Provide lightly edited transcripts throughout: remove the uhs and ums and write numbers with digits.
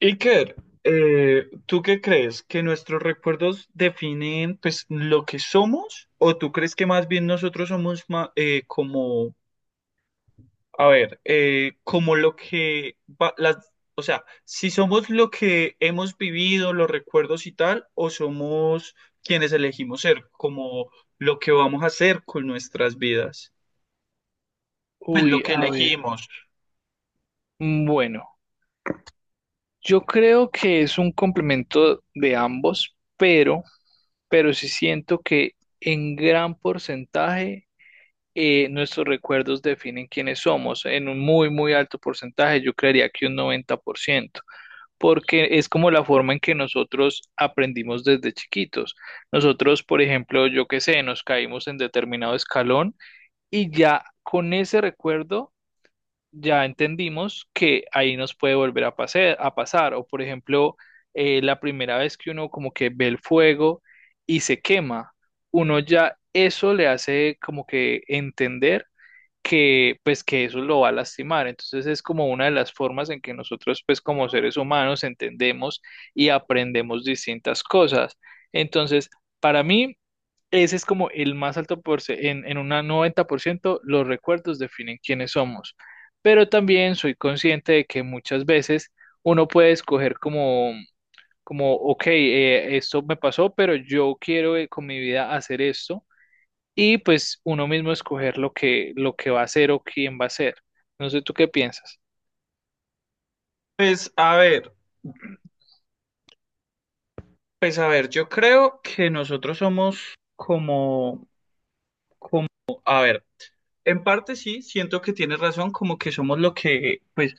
Iker, ¿tú qué crees? ¿Que nuestros recuerdos definen pues lo que somos? ¿O tú crees que más bien nosotros somos como, a ver, como lo que las, o sea, si somos lo que hemos vivido, los recuerdos y tal, o somos quienes elegimos ser, como lo que vamos a hacer con nuestras vidas? Pues lo Uy, que a ver. elegimos. Bueno, yo creo que es un complemento de ambos, pero sí siento que en gran porcentaje nuestros recuerdos definen quiénes somos. En un muy, muy alto porcentaje, yo creería que un 90%, porque es como la forma en que nosotros aprendimos desde chiquitos. Nosotros, por ejemplo, yo qué sé, nos caímos en determinado escalón y ya con ese recuerdo ya entendimos que ahí nos puede volver a pasar. O por ejemplo, la primera vez que uno como que ve el fuego y se quema, uno ya eso le hace como que entender que pues que eso lo va a lastimar. Entonces es como una de las formas en que nosotros pues como seres humanos entendemos y aprendemos distintas cosas. Entonces, para mí... Ese es como el más alto porcentaje, en un 90% los recuerdos definen quiénes somos, pero también soy consciente de que muchas veces uno puede escoger como, ok, esto me pasó, pero yo quiero con mi vida hacer esto y pues uno mismo escoger lo que va a hacer o quién va a ser. No sé tú qué piensas. Pues a ver, pues a ver, yo creo que nosotros somos como como, a ver, en parte sí, siento que tienes razón, como que somos lo que, pues,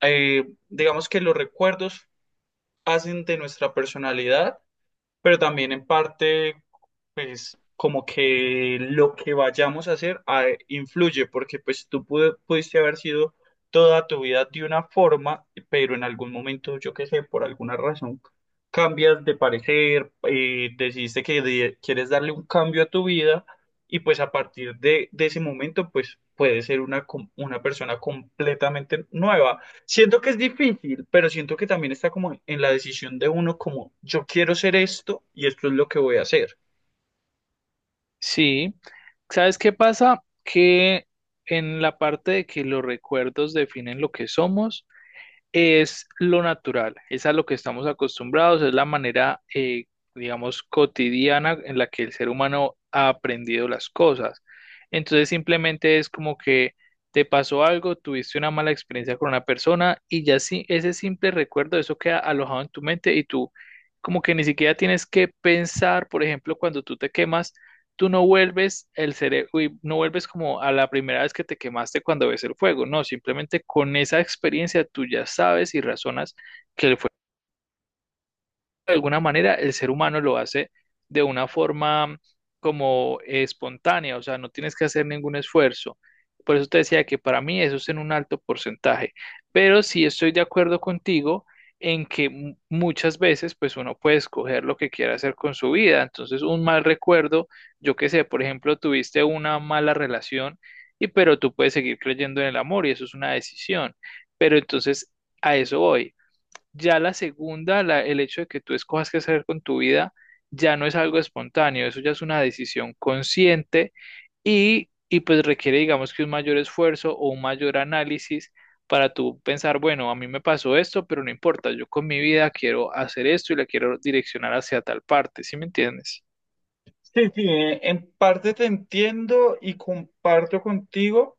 digamos que los recuerdos hacen de nuestra personalidad, pero también en parte pues como que lo que vayamos a hacer ah, influye, porque pues tú pudiste haber sido toda tu vida de una forma, pero en algún momento, yo qué sé, por alguna razón, cambias de parecer, decidiste que quieres darle un cambio a tu vida y pues a partir de ese momento, pues puedes ser una, una persona completamente nueva. Siento que es difícil, pero siento que también está como en la decisión de uno, como yo quiero ser esto y esto es lo que voy a hacer. Sí, ¿sabes qué pasa? Que en la parte de que los recuerdos definen lo que somos, es lo natural, es a lo que estamos acostumbrados, es la manera, digamos, cotidiana en la que el ser humano ha aprendido las cosas. Entonces simplemente es como que te pasó algo, tuviste una mala experiencia con una persona y ya sí, ese simple recuerdo, eso queda alojado en tu mente y tú como que ni siquiera tienes que pensar, por ejemplo, cuando tú te quemas, tú no vuelves el cerebro uy, no vuelves como a la primera vez que te quemaste cuando ves el fuego, no, simplemente con esa experiencia tú ya sabes y razonas que el de alguna manera el ser humano lo hace de una forma como espontánea, o sea, no tienes que hacer ningún esfuerzo. Por eso te decía que para mí eso es en un alto porcentaje, pero sí estoy de acuerdo contigo en que muchas veces pues uno puede escoger lo que quiera hacer con su vida. Entonces, un mal recuerdo, yo qué sé, por ejemplo, tuviste una mala relación y pero tú puedes seguir creyendo en el amor y eso es una decisión. Pero entonces a eso voy. Ya la segunda, el hecho de que tú escojas qué hacer con tu vida, ya no es algo espontáneo, eso ya es una decisión consciente y pues requiere, digamos que un mayor esfuerzo o un mayor análisis para tú pensar, bueno, a mí me pasó esto, pero no importa, yo con mi vida quiero hacer esto y la quiero direccionar hacia tal parte, ¿sí me entiendes? Sí, sí, en parte te entiendo y comparto contigo.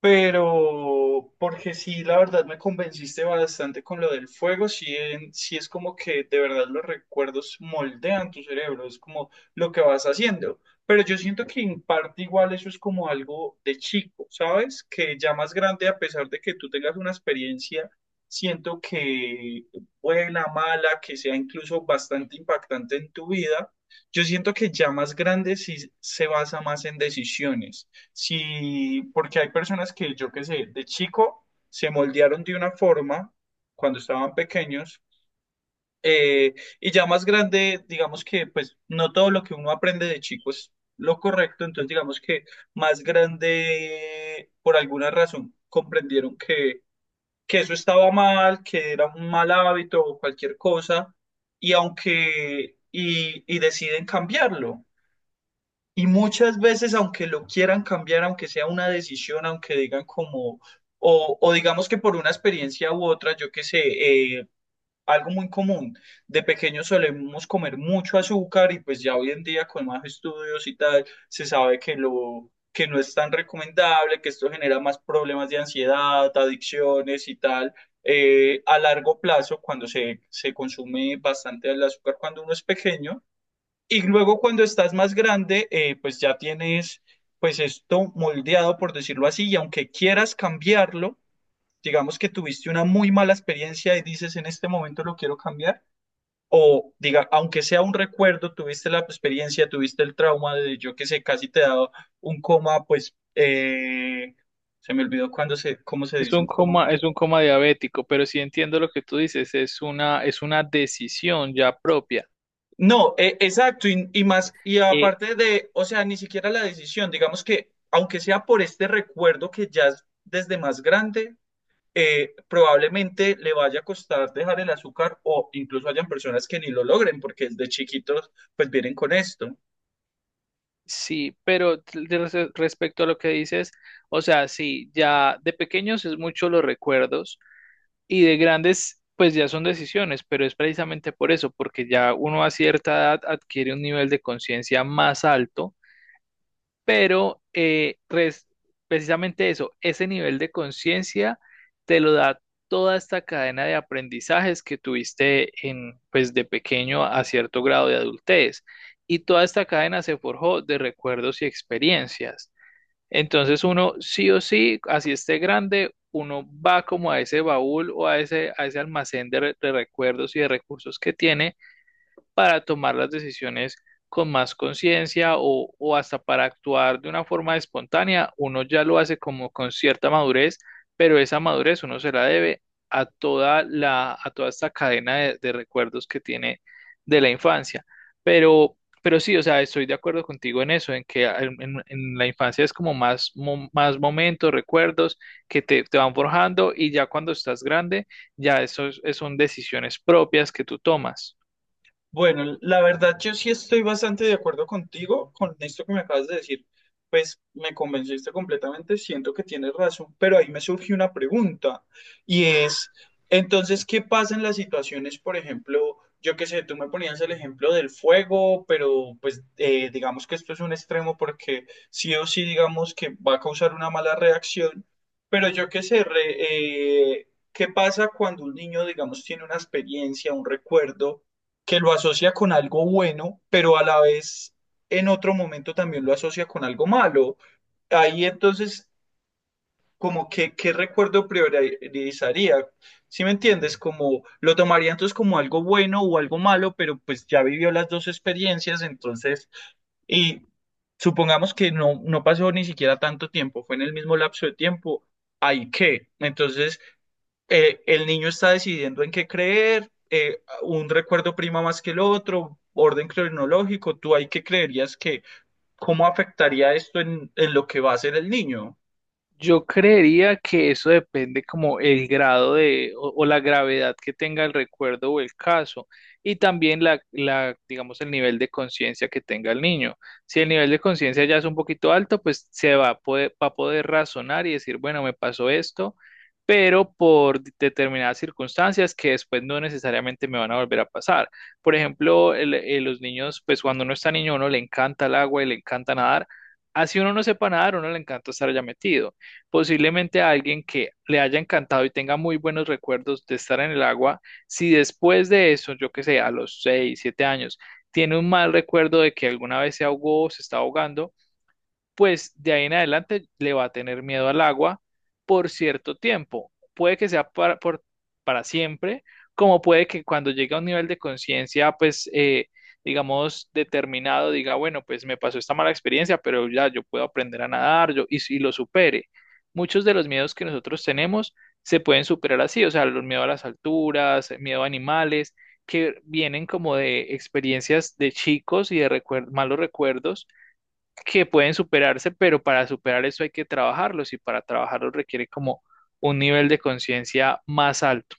Pero, porque sí, la verdad me convenciste bastante con lo del fuego, sí, sí es como que de verdad los recuerdos moldean tu cerebro, es como lo que vas haciendo. Pero yo siento que en parte igual eso es como algo de chico, ¿sabes? Que ya más grande, a pesar de que tú tengas una experiencia, siento que buena, mala, que sea incluso bastante impactante en tu vida, yo siento que ya más grande sí se basa más en decisiones. Sí, porque hay personas que, yo qué sé, de chico se moldearon de una forma cuando estaban pequeños, eh, y ya más grande, digamos que pues no todo lo que uno aprende de chico es lo correcto, entonces digamos que más grande por alguna razón comprendieron que eso estaba mal, que era un mal hábito o cualquier cosa y y deciden cambiarlo. Y muchas veces, aunque lo quieran cambiar, aunque sea una decisión, aunque digan como, o digamos que por una experiencia u otra, yo qué sé, eh, algo muy común, de pequeños solemos comer mucho azúcar y pues ya hoy en día con más estudios y tal, se sabe que lo, que no es tan recomendable, que esto genera más problemas de ansiedad, adicciones y tal. A largo plazo, cuando se consume bastante el azúcar cuando uno es pequeño. Y luego cuando estás más grande, pues ya tienes pues esto moldeado, por decirlo así, y aunque quieras cambiarlo, digamos que tuviste una muy mala experiencia y dices en este momento lo quiero cambiar, o diga, aunque sea un recuerdo, tuviste la experiencia, tuviste el trauma de yo que sé, casi te da un coma, pues se me olvidó cuando cómo se dice un coma. Es un coma diabético, pero sí entiendo lo que tú dices, es una decisión ya propia. No, exacto, y más, y Eh, aparte de, o sea, ni siquiera la decisión, digamos que, aunque sea por este recuerdo que ya es desde más grande, probablemente le vaya a costar dejar el azúcar o incluso hayan personas que ni lo logren porque desde chiquitos pues vienen con esto. Sí, pero de respecto a lo que dices, o sea, sí, ya de pequeños es mucho los recuerdos y de grandes pues ya son decisiones, pero es precisamente por eso, porque ya uno a cierta edad adquiere un nivel de conciencia más alto pero precisamente eso, ese nivel de conciencia te lo da toda esta cadena de aprendizajes que tuviste en, pues, de pequeño a cierto grado de adultez. Y toda esta cadena se forjó de recuerdos y experiencias. Entonces uno sí o sí, así esté grande, uno va como a ese baúl o a ese almacén de recuerdos y de recursos que tiene para tomar las decisiones con más conciencia o hasta para actuar de una forma espontánea, uno ya lo hace como con cierta madurez, pero esa madurez uno se la debe a toda la, a, toda esta cadena de recuerdos que tiene de la infancia. Pero sí, o sea, estoy de acuerdo contigo en eso, en que en, en la infancia es como más, más momentos, recuerdos que te van forjando y ya cuando estás grande, ya eso son decisiones propias que tú tomas. Bueno, la verdad yo sí estoy bastante de acuerdo contigo con esto que me acabas de decir. Pues me convenciste completamente, siento que tienes razón, pero ahí me surge una pregunta y es, entonces, ¿qué pasa en las situaciones, por ejemplo, yo qué sé, tú me ponías el ejemplo del fuego, pero pues digamos que esto es un extremo porque sí o sí digamos que va a causar una mala reacción, pero yo qué sé, ¿qué pasa cuando un niño, digamos, tiene una experiencia, un recuerdo que lo asocia con algo bueno, pero a la vez en otro momento también lo asocia con algo malo? Ahí entonces, como que, ¿qué recuerdo priorizaría? ¿Si me entiendes? Como lo tomaría entonces, ¿como algo bueno o algo malo? Pero pues ya vivió las dos experiencias, entonces, y supongamos que no pasó ni siquiera tanto tiempo, fue en el mismo lapso de tiempo. Hay que. Entonces, el niño está decidiendo en qué creer, un recuerdo prima más que el otro, orden cronológico, ¿tú ahí qué creerías que, cómo afectaría esto en lo que va a hacer el niño? Yo creería que eso depende como el grado de o la gravedad que tenga el recuerdo o el caso y también la digamos el nivel de conciencia que tenga el niño. Si el nivel de conciencia ya es un poquito alto, pues se va a poder razonar y decir, bueno, me pasó esto, pero por determinadas circunstancias que después no necesariamente me van a volver a pasar. Por ejemplo, los niños, pues cuando uno está niño, a uno le encanta el agua y le encanta nadar. Así uno no sepa nadar, a uno le encanta estar allá metido. Posiblemente a alguien que le haya encantado y tenga muy buenos recuerdos de estar en el agua, si después de eso, yo que sé, a los 6 7 años, tiene un mal recuerdo de que alguna vez se ahogó o se está ahogando, pues de ahí en adelante le va a tener miedo al agua por cierto tiempo. Puede que sea para siempre, como puede que cuando llegue a un nivel de conciencia, pues, digamos, determinado, diga, bueno, pues me pasó esta mala experiencia, pero ya yo puedo aprender a nadar yo, y lo supere. Muchos de los miedos que nosotros tenemos se pueden superar así, o sea, los miedos a las alturas, miedo a animales, que vienen como de experiencias de chicos y de malos recuerdos que pueden superarse, pero para superar eso hay que trabajarlos y para trabajarlos requiere como un nivel de conciencia más alto.